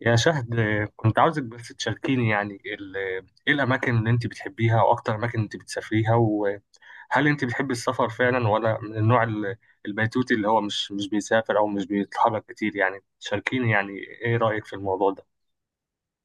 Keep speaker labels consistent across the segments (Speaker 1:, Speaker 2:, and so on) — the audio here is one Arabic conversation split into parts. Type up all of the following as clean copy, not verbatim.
Speaker 1: يا شهد، كنت عاوزك بس تشاركيني يعني ايه الاماكن اللي انت بتحبيها واكتر اماكن انت بتسافريها، وهل انت بتحبي السفر فعلا ولا من النوع البيتوتي اللي هو مش بيسافر او مش بيتحرك كتير. يعني تشاركيني يعني ايه رايك في الموضوع ده.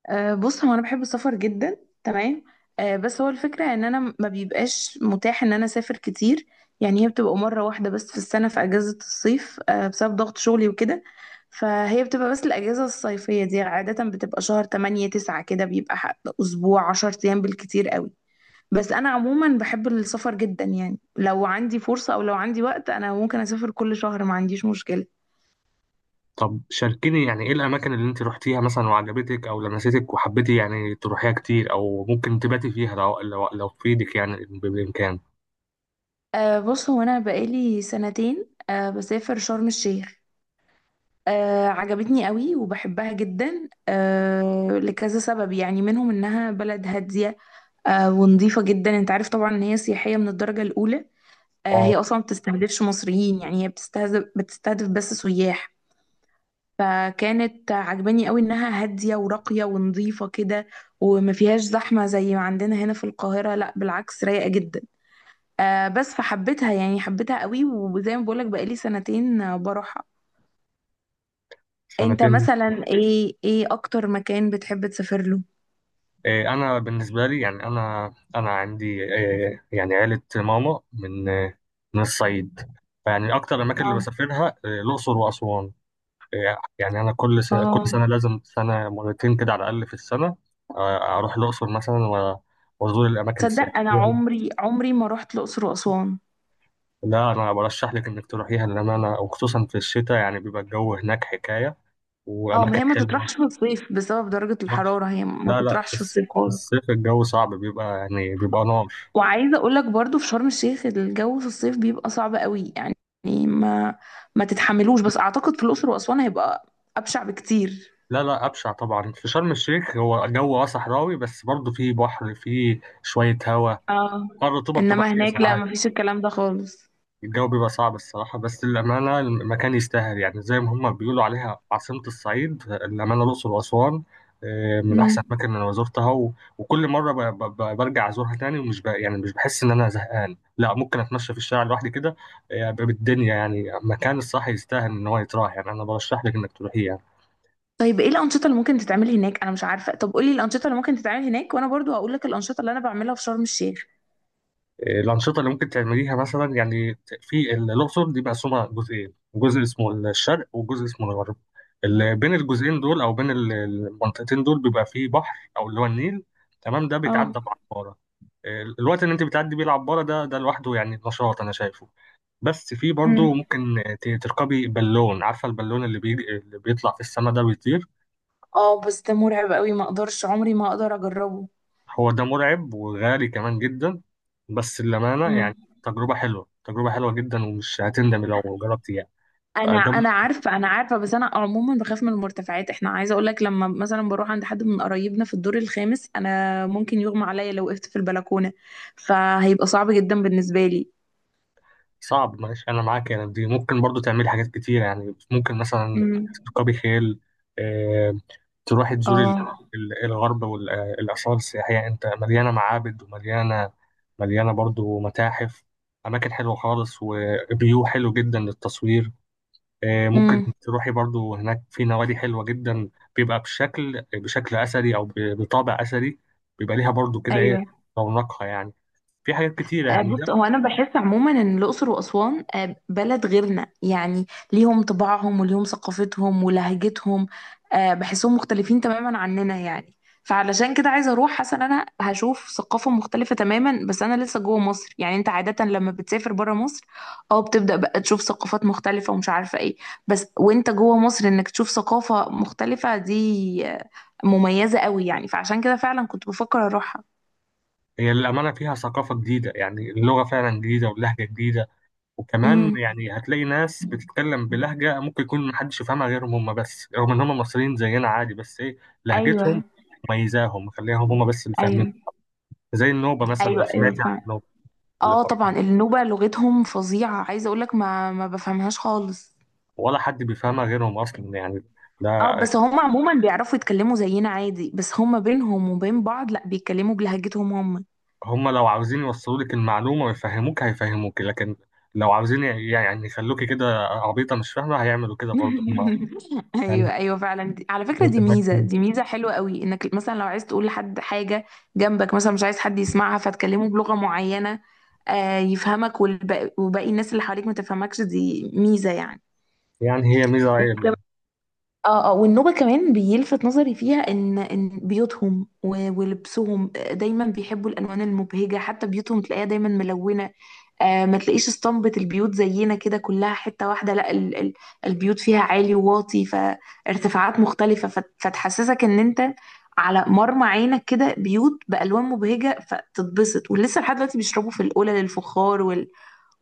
Speaker 2: بص هو انا بحب السفر جدا. تمام. بس هو الفكره ان انا ما بيبقاش متاح ان انا اسافر كتير. يعني هي بتبقى مره واحده بس في السنه في اجازه الصيف، بسبب ضغط شغلي وكده. فهي بتبقى بس الاجازه الصيفيه دي عاده بتبقى شهر 8 9 كده، بيبقى اسبوع 10 ايام بالكتير قوي. بس انا عموما بحب السفر جدا يعني، لو عندي فرصه او لو عندي وقت انا ممكن اسافر كل شهر، ما عنديش مشكله.
Speaker 1: طب شاركيني يعني ايه الاماكن اللي انت روحتيها مثلا وعجبتك او لمستك وحبيتي يعني تروحيها كتير او ممكن تباتي فيها، لو لو في ايدك يعني بامكان.
Speaker 2: بص هو انا بقالي سنتين بسافر شرم الشيخ. عجبتني قوي وبحبها جدا، لكذا سبب يعني منهم انها بلد هادية. ونظيفة جدا، انت عارف طبعا ان هي سياحية من الدرجة الاولى.
Speaker 1: اه،
Speaker 2: هي اصلا ما بتستهدفش مصريين، يعني هي بتستهدف بس سياح. فكانت عجباني قوي انها هادية وراقية ونظيفة كده. وما فيهاش زحمة زي ما عندنا هنا في القاهرة، لا بالعكس، رايقة جدا. بس فحبيتها يعني، حبيتها قوي، وزي ما بقولك بقالي سنتين بروحها. انت
Speaker 1: سنتين.
Speaker 2: مثلا ايه، اكتر مكان بتحب تسافر له؟
Speaker 1: انا بالنسبه لي يعني انا عندي يعني عيله ماما من من الصعيد. فيعني اكتر الاماكن اللي
Speaker 2: اه
Speaker 1: بسافرها الاقصر واسوان. يعني انا كل سنه،
Speaker 2: اه،
Speaker 1: لازم سنه مرتين كده على الاقل في السنه. اروح الاقصر مثلا وازور الاماكن
Speaker 2: تصدق انا
Speaker 1: السياحيه.
Speaker 2: عمري عمري ما رحت الاقصر واسوان؟
Speaker 1: لا، انا برشح لك انك تروحيها، لان انا وخصوصا في الشتاء يعني بيبقى الجو هناك حكايه،
Speaker 2: اه، ما
Speaker 1: واماكن
Speaker 2: هي ما
Speaker 1: حلوه.
Speaker 2: تطرحش في الصيف بسبب درجة الحرارة، هي ما
Speaker 1: لا لا،
Speaker 2: تطرحش في الصيف
Speaker 1: في
Speaker 2: خالص.
Speaker 1: الصيف الجو صعب، بيبقى يعني بيبقى نار.
Speaker 2: وعايزة اقول لك برضو في شرم الشيخ الجو في الصيف بيبقى صعب قوي يعني، ما ما تتحملوش، بس اعتقد في الاقصر واسوان هيبقى ابشع بكتير.
Speaker 1: لا لا، أبشع طبعا في شرم الشيخ، هو جو صحراوي، بس برضه فيه بحر، فيه شوية هوا.
Speaker 2: اه،
Speaker 1: اه الرطوبة بتبقى
Speaker 2: انما
Speaker 1: عالية
Speaker 2: هناك لا،
Speaker 1: ساعات.
Speaker 2: ما فيش الكلام ده خالص.
Speaker 1: الجو بيبقى صعب الصراحة، بس للأمانة المكان يستاهل يعني، زي ما هما بيقولوا عليها عاصمة الصعيد، الأمانة الأقصر وأسوان. من أحسن
Speaker 2: امم.
Speaker 1: الأماكن اللي أنا زرتها وكل مرة برجع أزورها تاني، يعني مش بحس إن أنا زهقان، لا ممكن أتمشى في الشارع لوحدي كده. بالدنيا يعني، مكان الصح يستاهل إن هو يتراح، يعني أنا برشح لك إنك تروحيه يعني.
Speaker 2: طيب ايه الانشطه اللي ممكن تتعمل هناك؟ انا مش عارفه. طب قولي الانشطه اللي ممكن تتعمل هناك وانا برضو هقول لك الانشطه اللي انا بعملها في شرم الشيخ.
Speaker 1: الأنشطة اللي ممكن تعمليها مثلا يعني في الأقصر، دي مقسومة جزئين، جزء اسمه الشرق وجزء اسمه الغرب. اللي بين الجزئين دول، أو بين المنطقتين دول، بيبقى فيه بحر أو اللي هو النيل. تمام، ده
Speaker 2: اه.
Speaker 1: بيتعدى بعبارة. الوقت اللي أنت بتعدي بيه العبارة ده، ده لوحده يعني نشاط أنا شايفه. بس في برضه
Speaker 2: مم.
Speaker 1: ممكن تركبي بالون، عارفة البالون اللي بيجي، اللي بيطلع في السماء ده، بيطير.
Speaker 2: اه، بس ده مرعب قوي، ما اقدرش، عمري ما اقدر اجربه.
Speaker 1: هو ده مرعب وغالي كمان جدا، بس للأمانة
Speaker 2: مم.
Speaker 1: يعني تجربة حلوة، تجربة حلوة جدا، ومش هتندمي لو جربتي.
Speaker 2: انا
Speaker 1: فده
Speaker 2: انا عارفه، انا عارفه، بس انا عموما بخاف من المرتفعات، احنا عايزه اقول لك لما مثلا بروح عند حد من قرايبنا في الدور الخامس انا ممكن يغمى عليا لو وقفت في البلكونه، فهيبقى صعب جدا بالنسبه لي.
Speaker 1: صعب، معلش انا معاك. يعني دي ممكن برضو تعملي حاجات كتير، يعني ممكن مثلا
Speaker 2: مم.
Speaker 1: تركبي خيل. آه، تروحي تزوري
Speaker 2: اه.
Speaker 1: الغرب والآثار السياحية. انت مليانة معابد، ومليانة، مليانة برضو متاحف، أماكن حلوة خالص وفيو حلو جدا للتصوير. ممكن
Speaker 2: امم.
Speaker 1: تروحي برضو هناك في نوادي حلوة جدا، بيبقى بشكل أثري أو بطابع أثري. بيبقى ليها برضو كده إيه،
Speaker 2: ايوه.
Speaker 1: رونقها يعني. في حاجات كتيرة يعني ده.
Speaker 2: بص هو انا بحس عموما ان الاقصر واسوان بلد غيرنا يعني. ليهم طباعهم وليهم ثقافتهم ولهجتهم. بحسهم مختلفين تماما عننا يعني. فعلشان كده عايزه اروح، حاسه ان انا هشوف ثقافه مختلفه تماما بس انا لسه جوه مصر. يعني انت عاده لما بتسافر بره مصر اه، بتبدا بقى تشوف ثقافات مختلفه ومش عارفه ايه، بس وانت جوه مصر انك تشوف ثقافه مختلفه دي مميزه قوي يعني، فعشان كده فعلا كنت بفكر اروحها.
Speaker 1: هي للأمانة فيها ثقافة جديدة، يعني اللغة فعلا جديدة، واللهجة جديدة. وكمان
Speaker 2: امم.
Speaker 1: يعني هتلاقي ناس بتتكلم بلهجة، ممكن يكون محدش يفهمها غيرهم هم بس، رغم إن هم مصريين زينا عادي، بس إيه، لهجتهم
Speaker 2: ايوه.
Speaker 1: مميزاهم، مخليهم هم بس اللي فاهمين.
Speaker 2: ايوه
Speaker 1: زي النوبة مثلا، لو
Speaker 2: ايوه
Speaker 1: سمعت
Speaker 2: ايوه
Speaker 1: عن
Speaker 2: فعلا.
Speaker 1: النوبة اللي
Speaker 2: اه طبعا،
Speaker 1: بره،
Speaker 2: النوبة لغتهم فظيعة، عايزة اقولك ما بفهمهاش خالص.
Speaker 1: ولا حد بيفهمها غيرهم أصلا يعني ده.
Speaker 2: اه، بس هم عموما بيعرفوا يتكلموا زينا عادي، بس هم بينهم وبين بعض لا، بيتكلموا بلهجتهم هم.
Speaker 1: هم لو عاوزين يوصلوا لك المعلومة ويفهموك هيفهموك، لكن لو عاوزين يعني يخلوكي كده عبيطة مش فاهمة، هيعملوا كده برضه هم. يعني
Speaker 2: ايوه ايوه فعلا. على فكرة
Speaker 1: متمكن،
Speaker 2: دي ميزة حلوة قوي، انك مثلا لو عايز تقول لحد حاجة جنبك، مثلا مش عايز حد يسمعها فتكلمه بلغة معينة يفهمك وباقي الناس اللي حواليك ما تفهمكش، دي ميزة يعني.
Speaker 1: يعني هي ميزة.
Speaker 2: اه اه، والنوبة كمان بيلفت نظري فيها ان بيوتهم ولبسهم، دايما بيحبوا الالوان المبهجة، حتى بيوتهم تلاقيها دايما ملونة. ما تلاقيش اسطمبة البيوت زينا كده كلها حتة واحدة، لا، ال ال البيوت فيها عالي وواطي، فارتفاعات مختلفة فتحسسك ان انت على مرمى عينك كده بيوت بألوان مبهجة فتتبسط، ولسه لحد دلوقتي بيشربوا في القلل الفخار وال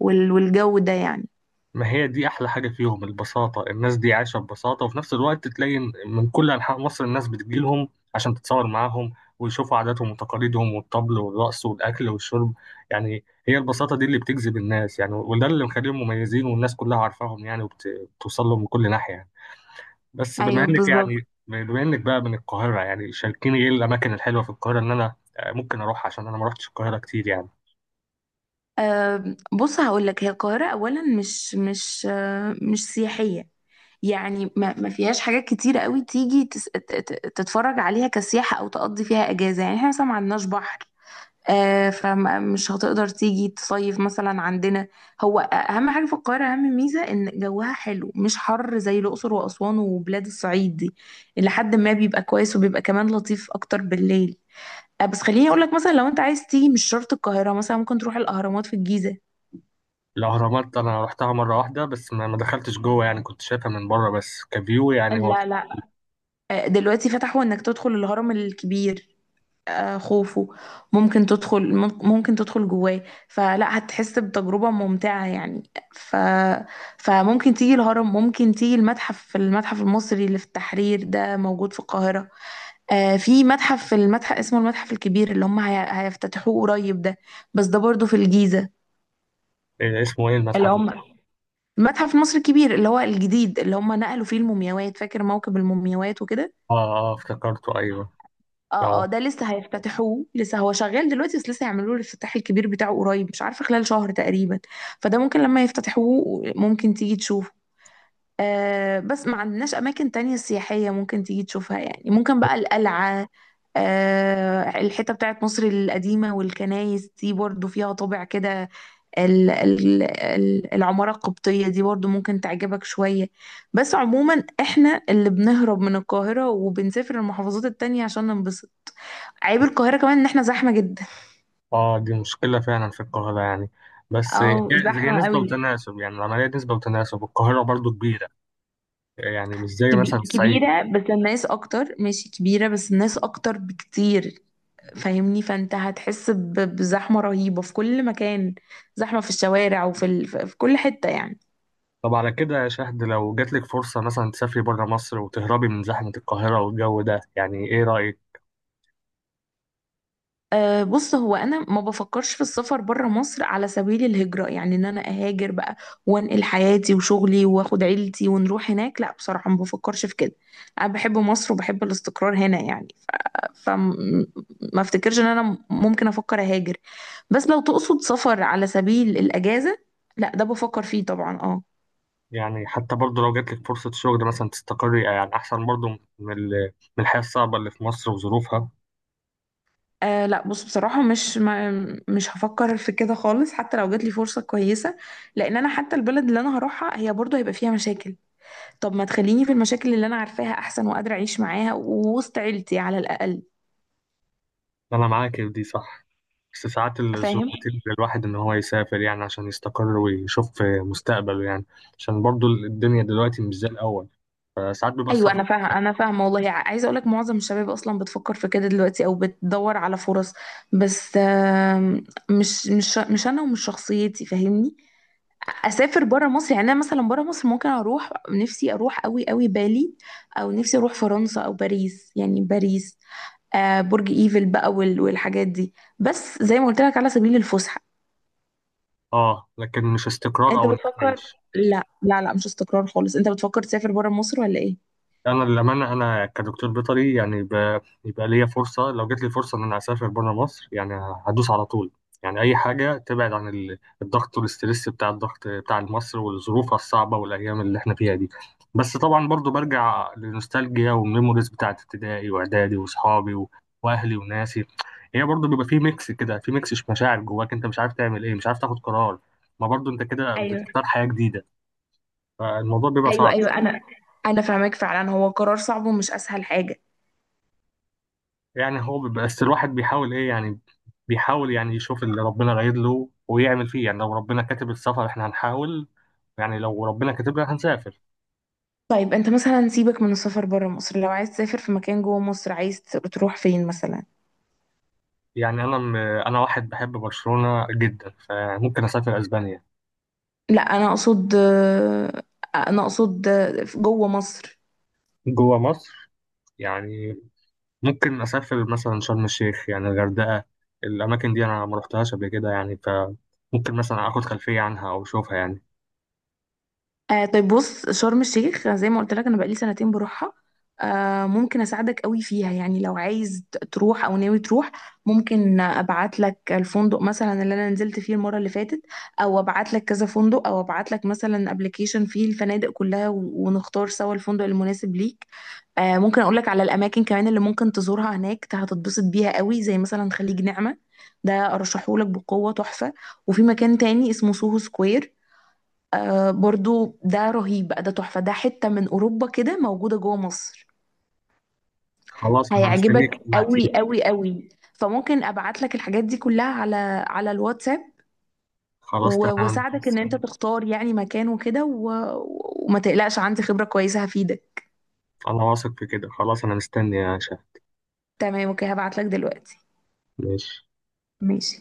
Speaker 2: وال والجو ده يعني.
Speaker 1: ما هي دي احلى حاجه فيهم، البساطه. الناس دي عايشه ببساطه، وفي نفس الوقت تلاقي إن من كل انحاء مصر الناس بتجيلهم عشان تتصور معاهم ويشوفوا عاداتهم وتقاليدهم، والطبل والرقص والاكل والشرب. يعني هي البساطه دي اللي بتجذب الناس يعني، وده اللي مخليهم مميزين والناس كلها عارفاهم يعني، وبتوصل لهم من كل ناحيه يعني. بس بما
Speaker 2: ايوه
Speaker 1: انك يعني،
Speaker 2: بالظبط.
Speaker 1: بما انك بقى من القاهره، يعني شاركيني ايه الاماكن الحلوه في القاهره ان انا ممكن اروح، عشان انا ما رحتش القاهره كتير يعني.
Speaker 2: بص هقول لك، هي القاهرة أولا مش سياحية. يعني ما فيهاش حاجات كتيرة قوي تيجي تتفرج عليها كسياحة أو تقضي فيها أجازة، يعني احنا مثلا ما عندناش بحر، فمش هتقدر تيجي تصيف مثلا عندنا. هو أهم حاجة في القاهرة، أهم ميزة إن جوها حلو مش حر زي الأقصر وأسوان وبلاد الصعيد دي، اللي حد ما بيبقى كويس وبيبقى كمان لطيف أكتر بالليل. بس خليني اقول لك مثلا، لو انت عايز تيجي مش شرط القاهره، مثلا ممكن تروح الاهرامات في الجيزه.
Speaker 1: الأهرامات أنا رحتها مرة واحدة بس، ما دخلتش جوه يعني، كنت شايفها من بره بس كفيو، يعني هو
Speaker 2: لا لا. دلوقتي فتحوا انك تدخل الهرم الكبير، خوفو. ممكن تدخل جواه فلا هتحس بتجربة ممتعة يعني. ف فممكن تيجي الهرم، ممكن تيجي المتحف المصري اللي في التحرير ده موجود في القاهرة. في متحف، في المتحف اسمه المتحف الكبير اللي هيفتتحوه قريب ده، بس ده برضه في الجيزة.
Speaker 1: إيه اسمه إيه
Speaker 2: اللي
Speaker 1: المتحف ده؟
Speaker 2: هم المتحف المصري الكبير اللي هو الجديد اللي هم نقلوا فيه المومياوات، فاكر موكب المومياوات وكده.
Speaker 1: آه. آه افتكرته، أيوه.
Speaker 2: اه اه،
Speaker 1: آه.
Speaker 2: ده لسه هيفتتحوه، لسه هو شغال دلوقتي بس لسه هيعملوا له الافتتاح الكبير بتاعه قريب، مش عارفه خلال شهر تقريبا. فده ممكن لما يفتتحوه ممكن تيجي تشوفه. بس ما عندناش اماكن تانية سياحيه ممكن تيجي تشوفها يعني، ممكن بقى القلعه، الحته بتاعت مصر القديمه والكنايس دي برضو فيها طابع كده، العماره القبطيه دي برضو ممكن تعجبك شويه. بس عموما احنا اللي بنهرب من القاهره وبنسافر المحافظات التانية عشان ننبسط. عيب القاهرة كمان ان احنا زحمة جدا،
Speaker 1: آه، دي مشكلة فعلا في القاهرة يعني. بس
Speaker 2: او
Speaker 1: هي، هي
Speaker 2: زحمة
Speaker 1: نسبة
Speaker 2: قوي.
Speaker 1: وتناسب يعني، العملية نسبة وتناسب. القاهرة برضو كبيرة، يعني مش زي مثلا الصعيد.
Speaker 2: كبيرة بس الناس اكتر، ماشي كبيرة بس الناس اكتر بكتير، فاهمني، فانت هتحس بزحمة رهيبة في كل مكان، زحمة في الشوارع وفي في كل حتة يعني.
Speaker 1: طب على كده يا شهد، لو جاتلك فرصة مثلا تسافري بره مصر وتهربي من زحمة القاهرة والجو ده، يعني إيه رأيك؟
Speaker 2: بص هو انا ما بفكرش في السفر بره مصر على سبيل الهجرة، يعني ان انا اهاجر بقى وانقل حياتي وشغلي واخد عيلتي ونروح هناك، لا بصراحة ما بفكرش في كده. انا بحب مصر وبحب الاستقرار هنا يعني، فما افتكرش ان انا ممكن افكر اهاجر. بس لو تقصد سفر على سبيل الاجازه، لا ده بفكر فيه طبعا اه.
Speaker 1: يعني حتى برضه لو جاتلك فرصة شغل مثلا تستقري، يعني أحسن برضه من من الحياة الصعبة اللي في مصر وظروفها.
Speaker 2: لا بص، بصراحة مش هفكر في كده خالص حتى لو جات لي فرصة كويسة، لأن أنا حتى البلد اللي أنا هروحها هي برضه هيبقى فيها مشاكل. طب ما تخليني في المشاكل اللي أنا عارفاها أحسن، وقادرة أعيش معاها ووسط عيلتي على الأقل.
Speaker 1: أنا معاك في دي صح، بس ساعات الظروف
Speaker 2: فاهم.
Speaker 1: بتجبر الواحد إن هو يسافر يعني، عشان يستقر ويشوف مستقبله يعني. عشان برضه الدنيا دلوقتي مش زي الأول، فساعات بيبقى
Speaker 2: ايوه
Speaker 1: السفر.
Speaker 2: انا فاهمه، انا فاهمه والله، عايزه اقول لك معظم الشباب اصلا بتفكر في كده دلوقتي او بتدور على فرص، بس مش انا، ومش شخصيتي، فاهمني، اسافر بره مصر. يعني انا مثلا بره مصر ممكن اروح، نفسي اروح قوي قوي بالي، او نفسي اروح فرنسا او باريس، يعني باريس برج ايفل بقى والحاجات دي، بس زي ما قلت لك على سبيل الفسحه.
Speaker 1: آه، لكن مش استقرار
Speaker 2: انت
Speaker 1: أو إنك
Speaker 2: بتفكر،
Speaker 1: تعيش.
Speaker 2: لا لا لا، مش استقرار خالص. انت بتفكر تسافر بره مصر ولا ايه؟
Speaker 1: انا للامانه انا كدكتور بيطري يعني، يبقى ليا فرصه، لو جت لي فرصه ان انا اسافر بره مصر يعني، هدوس على طول. يعني اي حاجه تبعد عن الضغط والاسترس، بتاع الضغط بتاع مصر والظروف الصعبه والايام اللي احنا فيها دي. بس طبعا برضو برجع للنوستالجيا والميموريز بتاعت ابتدائي واعدادي واصحابي واهلي وناسي. هي برضو بيبقى في ميكس كده، في ميكس مشاعر جواك، انت مش عارف تعمل ايه، مش عارف تاخد قرار، ما برضو انت كده
Speaker 2: ايوه
Speaker 1: بتختار حياه جديده، فالموضوع بيبقى
Speaker 2: ايوه
Speaker 1: صعب.
Speaker 2: ايوه، انا فاهمك فعلا، هو قرار صعب ومش اسهل حاجه.
Speaker 1: يعني هو بس الواحد بيحاول ايه يعني، بيحاول يعني يشوف اللي ربنا رايد له ويعمل فيه يعني. لو ربنا كاتب السفر احنا هنحاول، يعني لو ربنا كاتب لنا هنسافر.
Speaker 2: طيب انت مثلا سيبك من السفر بره مصر، لو عايز تسافر في مكان جوه مصر، عايز تروح فين مثلا؟
Speaker 1: يعني انا واحد بحب برشلونة جدا، فممكن اسافر اسبانيا.
Speaker 2: لا انا اقصد، انا اقصد جوه مصر.
Speaker 1: جوه مصر، يعني ممكن اسافر مثلا شرم الشيخ يعني، الغردقة. الاماكن دي انا ما رحتهاش قبل كده يعني، فممكن مثلا اخد خلفية عنها او اشوفها يعني.
Speaker 2: طيب بص، شرم الشيخ زي ما قلت لك انا بقالي سنتين بروحها، ممكن اساعدك قوي فيها يعني، لو عايز تروح او ناوي تروح. ممكن ابعت لك الفندق مثلا اللي انا نزلت فيه المره اللي فاتت، او ابعت لك كذا فندق، او ابعت لك مثلا ابلكيشن فيه الفنادق كلها ونختار سوا الفندق المناسب ليك. ممكن اقول لك على الاماكن كمان اللي ممكن تزورها هناك، هتتبسط بيها قوي، زي مثلا خليج نعمه، ده ارشحهولك بقوه، تحفه. وفي مكان تاني اسمه سوهو سكوير، برضو ده رهيب بقى، ده تحفة، ده حتة من أوروبا كده موجودة جوه مصر،
Speaker 1: خلاص انا مستنيك
Speaker 2: هيعجبك
Speaker 1: تبعتيلي.
Speaker 2: قوي قوي قوي. فممكن أبعت لك الحاجات دي كلها على الواتساب،
Speaker 1: خلاص تمام.
Speaker 2: وأساعدك إن أنت تختار يعني مكان وكده وما تقلقش، عندي خبرة كويسة هفيدك.
Speaker 1: انا واثق في كده، خلاص انا مستني يا شيخ.
Speaker 2: تمام، أوكي هبعت لك دلوقتي.
Speaker 1: ماشي.
Speaker 2: ماشي.